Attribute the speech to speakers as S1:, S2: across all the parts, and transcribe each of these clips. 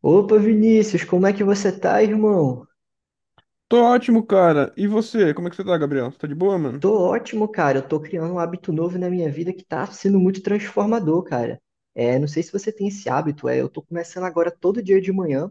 S1: Opa, Vinícius, como é que você tá, irmão?
S2: Tô ótimo, cara. E você? Como é que você tá, Gabriel? Você tá de boa, mano?
S1: Tô ótimo, cara. Eu tô criando um hábito novo na minha vida que tá sendo muito transformador, cara. É, não sei se você tem esse hábito, eu tô começando agora todo dia de manhã.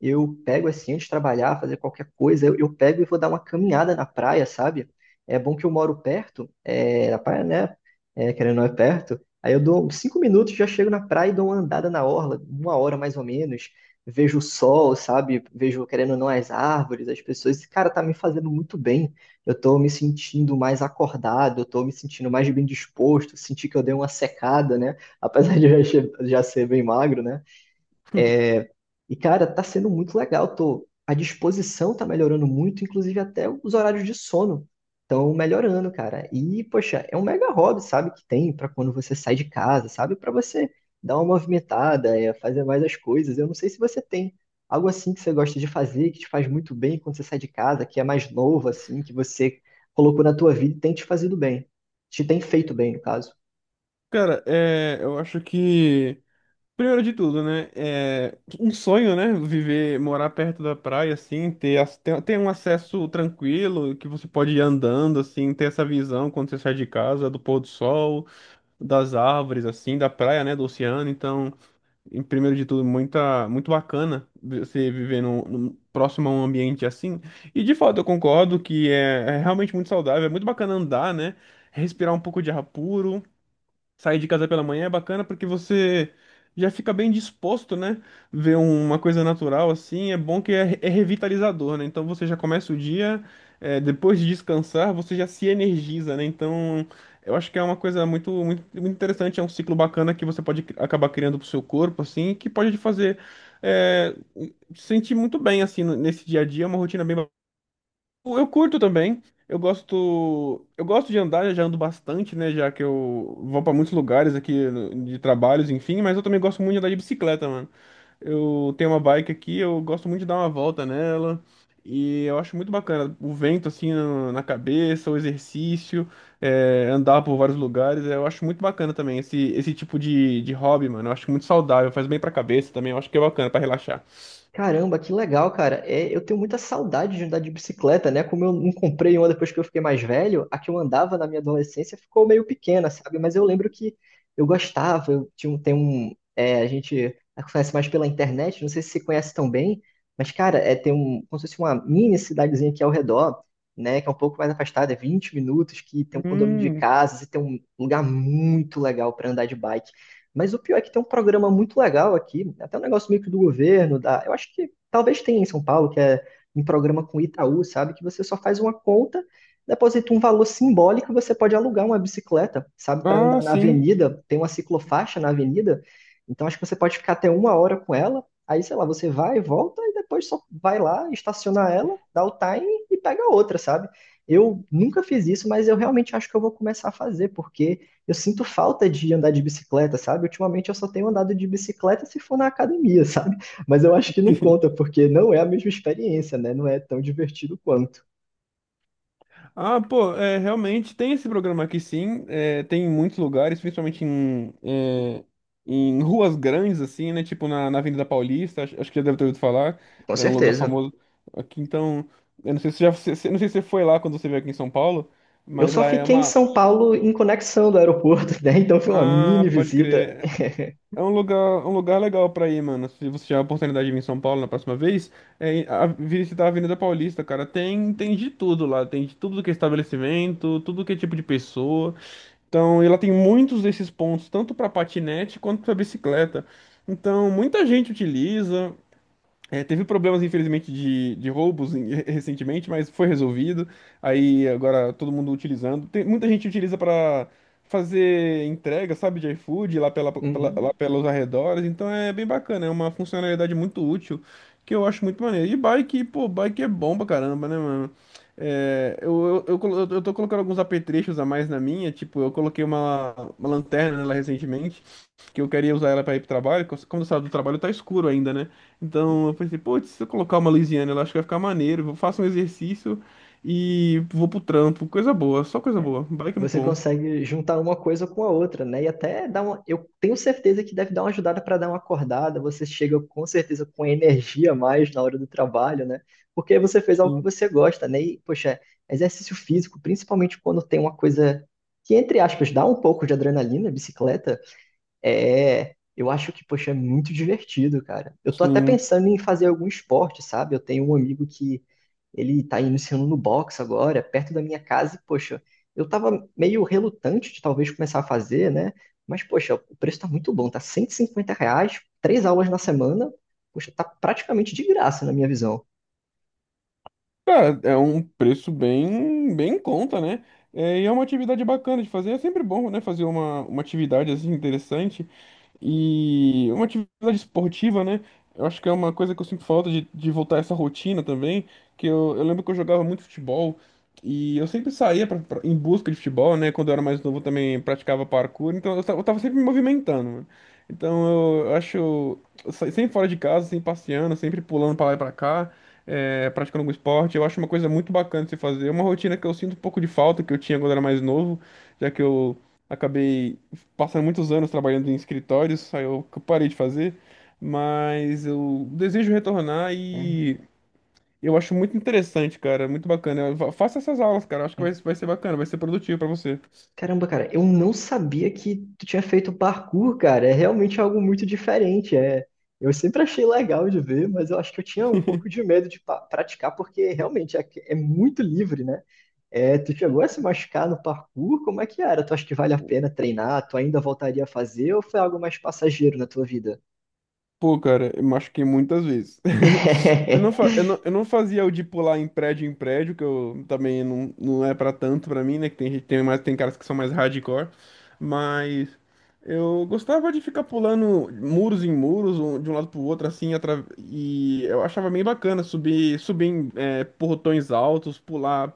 S1: Eu pego assim, antes de trabalhar, fazer qualquer coisa, eu pego e vou dar uma caminhada na praia, sabe? É bom que eu moro perto, na praia, né? É, querendo ou não é perto. Aí eu dou uns 5 minutos, já chego na praia e dou uma andada na orla, uma hora mais ou menos. Vejo o sol, sabe? Vejo, querendo ou não, as árvores, as pessoas. Esse cara tá me fazendo muito bem. Eu tô me sentindo mais acordado, eu tô me sentindo mais bem disposto. Senti que eu dei uma secada, né? Apesar de eu já ser bem magro, né? E, cara, tá sendo muito legal. A disposição tá melhorando muito, inclusive até os horários de sono estão melhorando, cara. E, poxa, é um mega hobby, sabe, que tem pra quando você sai de casa, sabe? Pra você dar uma movimentada, é, fazer mais as coisas. Eu não sei se você tem algo assim que você gosta de fazer, que te faz muito bem quando você sai de casa, que é mais novo, assim, que você colocou na tua vida e tem te fazido bem. Te tem feito bem, no caso.
S2: Cara, eu acho que, primeiro de tudo, né? É um sonho, né? Viver, morar perto da praia, assim, ter um acesso tranquilo, que você pode ir andando, assim, ter essa visão quando você sai de casa, do pôr do sol, das árvores, assim, da praia, né? Do oceano. Então, em primeiro de tudo, muito bacana você viver próximo a um ambiente assim. E de fato, eu concordo que é realmente muito saudável, é muito bacana andar, né? Respirar um pouco de ar puro. Sair de casa pela manhã é bacana porque você já fica bem disposto, né? Ver uma coisa natural assim, é bom que é revitalizador, né? Então você já começa o dia, depois de descansar, você já se energiza, né? Então eu acho que é uma coisa muito, muito, muito interessante, é um ciclo bacana que você pode acabar criando pro seu corpo, assim, que pode te fazer é, se sentir muito bem, assim, nesse dia a dia. É uma rotina bem, eu curto também. Eu gosto de andar, eu já ando bastante, né? Já que eu vou pra muitos lugares aqui de trabalhos, enfim. Mas eu também gosto muito de andar de bicicleta, mano. Eu tenho uma bike aqui, eu gosto muito de dar uma volta nela. E eu acho muito bacana o vento assim na cabeça, o exercício, andar por vários lugares. Eu acho muito bacana também esse tipo de hobby, mano. Eu acho muito saudável, faz bem pra cabeça também. Eu acho que é bacana pra relaxar.
S1: Caramba, que legal, cara. É, eu tenho muita saudade de andar de bicicleta, né? Como eu não comprei uma depois que eu fiquei mais velho, a que eu andava na minha adolescência ficou meio pequena, sabe? Mas eu lembro que eu gostava, eu tinha um, tem um, é, a gente conhece mais pela internet, não sei se você conhece tão bem, mas, cara, como se fosse uma mini cidadezinha aqui ao redor, né? Que é um pouco mais afastada, é 20 minutos, que tem um condomínio de
S2: Hum.
S1: casas e tem um lugar muito legal para andar de bike. Mas o pior é que tem um programa muito legal aqui, até um negócio meio que do governo, da, eu acho que talvez tenha em São Paulo, que é um programa com Itaú, sabe? Que você só faz uma conta, deposita um valor simbólico, você pode alugar uma bicicleta, sabe? Para
S2: Ah,
S1: andar na
S2: sim.
S1: avenida, tem uma ciclofaixa na avenida, então acho que você pode ficar até uma hora com ela, aí sei lá, você vai, volta e depois só vai lá, estaciona ela, dá o time e pega outra, sabe? Eu nunca fiz isso, mas eu realmente acho que eu vou começar a fazer, porque eu sinto falta de andar de bicicleta, sabe? Ultimamente eu só tenho andado de bicicleta se for na academia, sabe? Mas eu acho que não conta, porque não é a mesma experiência, né? Não é tão divertido quanto.
S2: Ah, pô, realmente tem esse programa aqui sim, tem em muitos lugares, principalmente em ruas grandes, assim, né? Tipo na Avenida Paulista, acho que já deve ter ouvido falar,
S1: Com
S2: é um lugar
S1: certeza.
S2: famoso aqui, então, eu não sei se já, se- se- não sei se você foi lá quando você veio aqui em São Paulo,
S1: Eu
S2: mas
S1: só
S2: lá é
S1: fiquei em
S2: uma...
S1: São Paulo em conexão do aeroporto, né? Então foi uma mini
S2: Ah, pode
S1: visita.
S2: crer, é um lugar, legal pra ir, mano, se você tiver a oportunidade de vir em São Paulo na próxima vez, visitar a Avenida Paulista, cara, tem de tudo lá, tem de tudo que é estabelecimento, tudo que é tipo de pessoa. Então, ela tem muitos desses pontos, tanto para patinete quanto para bicicleta. Então, muita gente utiliza. Teve problemas, infelizmente, de roubos recentemente, mas foi resolvido. Aí agora todo mundo utilizando. Tem, muita gente utiliza para fazer entrega, sabe, de iFood lá,
S1: Uhum.
S2: lá pelos arredores. Então é bem bacana, é uma funcionalidade muito útil que eu acho muito maneiro. E bike, pô, bike é bom pra caramba, né, mano? Eu tô colocando alguns apetrechos a mais na minha, tipo, eu coloquei uma, lanterna nela recentemente que eu queria usar ela para ir pro trabalho, como eu saio do trabalho tá escuro ainda, né? Então eu pensei, putz, se eu colocar uma Louisiana, eu acho que vai ficar maneiro. Vou faço um exercício e vou pro trampo. Coisa boa, só coisa
S1: É.
S2: boa. Bike é muito
S1: Você
S2: bom.
S1: consegue juntar uma coisa com a outra, né? E até dá uma. Eu tenho certeza que deve dar uma ajudada para dar uma acordada. Você chega com certeza com energia a mais na hora do trabalho, né? Porque você fez algo que
S2: Sim,
S1: você gosta, né? E, poxa, exercício físico, principalmente quando tem uma coisa que, entre aspas, dá um pouco de adrenalina, bicicleta. É, eu acho que, poxa, é muito divertido, cara. Eu tô até
S2: sim.
S1: pensando em fazer algum esporte, sabe? Eu tenho um amigo que ele tá iniciando no boxe agora, perto da minha casa, e, poxa, eu tava meio relutante de talvez começar a fazer, né? Mas, poxa, o preço tá muito bom, tá R$ 150, três aulas na semana, poxa, tá praticamente de graça na minha visão.
S2: Cara, é um preço bem, bem em conta, né? E é uma atividade bacana de fazer. É sempre bom, né? Fazer uma atividade assim interessante. E uma atividade esportiva, né? Eu acho que é uma coisa que eu sinto falta de voltar a essa rotina também. Que eu lembro que eu jogava muito futebol. E eu sempre saía em busca de futebol, né? Quando eu era mais novo eu também praticava parkour. Então eu tava sempre me movimentando, mano. Então eu acho, sempre fora de casa, sempre passeando, sempre pulando pra lá e pra cá, praticando algum esporte. Eu acho uma coisa muito bacana de se fazer. É uma rotina que eu sinto um pouco de falta, que eu tinha quando era mais novo, já que eu acabei passando muitos anos trabalhando em escritórios, aí eu que eu parei de fazer. Mas eu desejo retornar
S1: Né?
S2: e eu acho muito interessante, cara, muito bacana. Faça essas aulas, cara, acho que vai ser bacana, vai ser produtivo pra você.
S1: Caramba, cara, eu não sabia que tu tinha feito parkour, cara. É realmente algo muito diferente. É, eu sempre achei legal de ver, mas eu acho que eu tinha um pouco de medo de praticar, porque realmente é, é muito livre, né? É, tu chegou a se machucar no parkour? Como é que era? Tu acha que vale a pena treinar? Tu ainda voltaria a fazer ou foi algo mais passageiro na tua vida?
S2: Pô, cara, eu machuquei muitas vezes. Eu não, fa- eu não fazia o de pular em prédio, que eu também não, não é pra tanto pra mim, né? Que tem gente, tem caras que são mais hardcore, mas eu gostava de ficar pulando muros em muros, de um lado pro outro, assim, e eu achava bem bacana subir em portões altos, pular,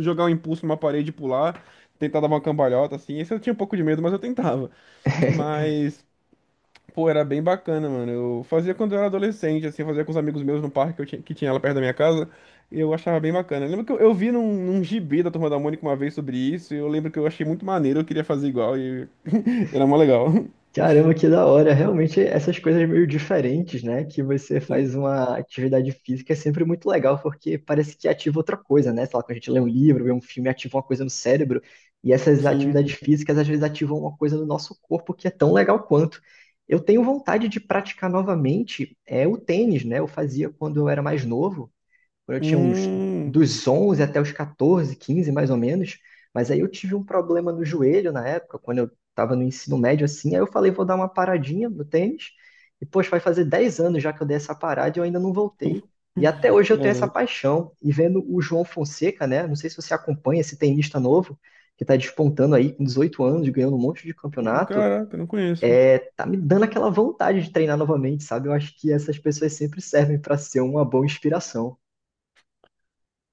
S2: jogar um impulso numa parede e pular, tentar dar uma cambalhota, assim. Esse eu tinha um pouco de medo, mas eu tentava. Mas, pô, era bem bacana, mano. Eu fazia quando eu era adolescente, assim, fazia com os amigos meus no parque que tinha lá perto da minha casa. E eu achava bem bacana. Eu lembro que eu vi num gibi da Turma da Mônica uma vez sobre isso, e eu lembro que eu achei muito maneiro, eu queria fazer igual, e era mó legal.
S1: Caramba, que da hora. Realmente, essas coisas meio diferentes, né? Que você
S2: Sim.
S1: faz uma atividade física é sempre muito legal, porque parece que ativa outra coisa, né? Sei lá, quando a gente lê um livro, vê um filme, ativa uma coisa no cérebro. E essas atividades
S2: Sim.
S1: físicas, às vezes, ativam uma coisa no nosso corpo que é tão legal quanto. Eu tenho vontade de praticar novamente o tênis, né? Eu fazia quando eu era mais novo quando eu tinha uns
S2: Hum.
S1: dos 11 até os 14, 15 mais ou menos, mas aí eu tive um problema no joelho na época, quando eu estava no ensino médio assim, aí eu falei, vou dar uma paradinha no tênis, e poxa, vai fazer 10 anos já que eu dei essa parada e eu ainda não voltei. E até hoje eu tenho essa
S2: Cara,
S1: paixão. E vendo o João Fonseca, né? Não sei se você acompanha esse tenista novo, que está despontando aí com 18 anos, ganhando um monte de campeonato,
S2: caraca, eu não conheço.
S1: tá me dando aquela vontade de treinar novamente, sabe? Eu acho que essas pessoas sempre servem para ser uma boa inspiração.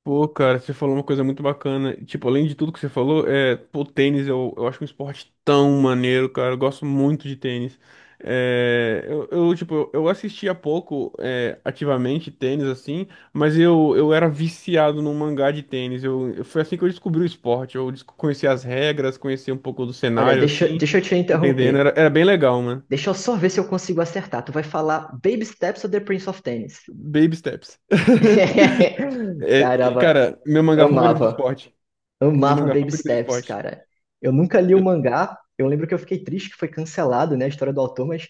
S2: Pô, cara, você falou uma coisa muito bacana. Tipo, além de tudo que você falou, pô, tênis eu acho um esporte tão maneiro, cara. Eu gosto muito de tênis. Tipo, eu assistia pouco, ativamente tênis, assim, mas eu era viciado num mangá de tênis. Foi assim que eu descobri o esporte. Conheci as regras, conheci um pouco do
S1: Olha,
S2: cenário,
S1: deixa,
S2: assim,
S1: deixa eu te
S2: entendendo.
S1: interromper.
S2: Era bem legal, mano.
S1: Deixa eu só ver se eu consigo acertar. Tu vai falar Baby Steps ou The Prince of Tennis?
S2: Baby steps. E,
S1: Caramba,
S2: cara, meu mangá favorito de
S1: amava.
S2: esporte. Meu
S1: Amava
S2: mangá
S1: Baby
S2: favorito de
S1: Steps,
S2: esporte.
S1: cara. Eu nunca li o mangá. Eu lembro que eu fiquei triste que foi cancelado, né, a história do autor, mas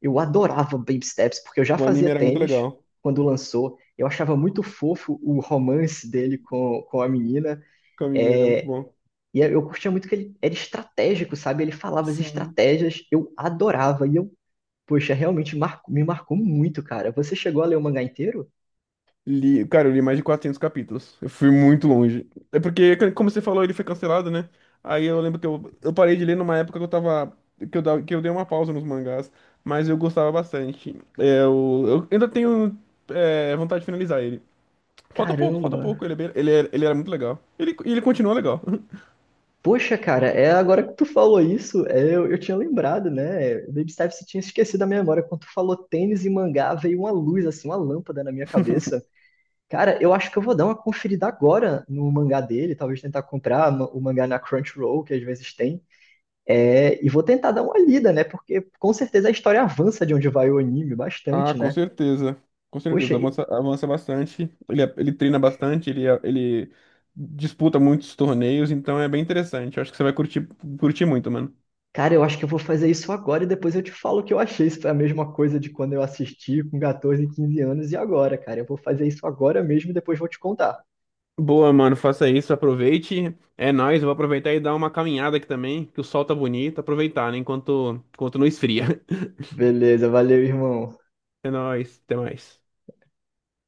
S1: eu adorava Baby Steps, porque eu já
S2: O
S1: fazia
S2: anime era muito
S1: tênis
S2: legal. O
S1: quando lançou. Eu achava muito fofo o romance dele com a menina.
S2: Kamini era muito
S1: É,
S2: bom.
S1: e eu curtia muito que ele era estratégico, sabe? Ele falava as
S2: Sim.
S1: estratégias, eu adorava. E eu Poxa, realmente me marcou muito, cara. Você chegou a ler o mangá inteiro?
S2: Li, cara, eu li mais de 400 capítulos. Eu fui muito longe. É porque, como você falou, ele foi cancelado, né? Aí eu lembro que eu parei de ler numa época que eu tava. Que eu dei uma pausa nos mangás. Mas eu gostava bastante. Eu ainda tenho vontade de finalizar ele. Falta pouco, falta
S1: Caramba!
S2: pouco. Ele, é bem- ele, é- ele era muito legal. Ele continua legal.
S1: Poxa, cara, é agora que tu falou isso, eu tinha lembrado, né? Baby Steps tinha esquecido da minha memória. Quando tu falou tênis e mangá, veio uma luz, assim, uma lâmpada na minha cabeça. Cara, eu acho que eu vou dar uma conferida agora no mangá dele, talvez tentar comprar o mangá na Crunchyroll, que às vezes tem. É, e vou tentar dar uma lida, né? Porque com certeza a história avança de onde vai o anime
S2: Ah,
S1: bastante,
S2: com
S1: né?
S2: certeza. Com
S1: Poxa,
S2: certeza. Avança, avança bastante. Ele treina bastante, ele disputa muitos torneios, então é bem interessante. Eu acho que você vai curtir muito, mano.
S1: cara, eu acho que eu vou fazer isso agora e depois eu te falo o que eu achei. Se foi a mesma coisa de quando eu assisti com 14, 15 anos e agora, cara. Eu vou fazer isso agora mesmo e depois vou te contar.
S2: Boa, mano. Faça isso, aproveite. É nóis, eu vou aproveitar e dar uma caminhada aqui também, que o sol tá bonito. Aproveitar, né? Enquanto não esfria.
S1: Beleza, valeu, irmão.
S2: É nóis, até mais.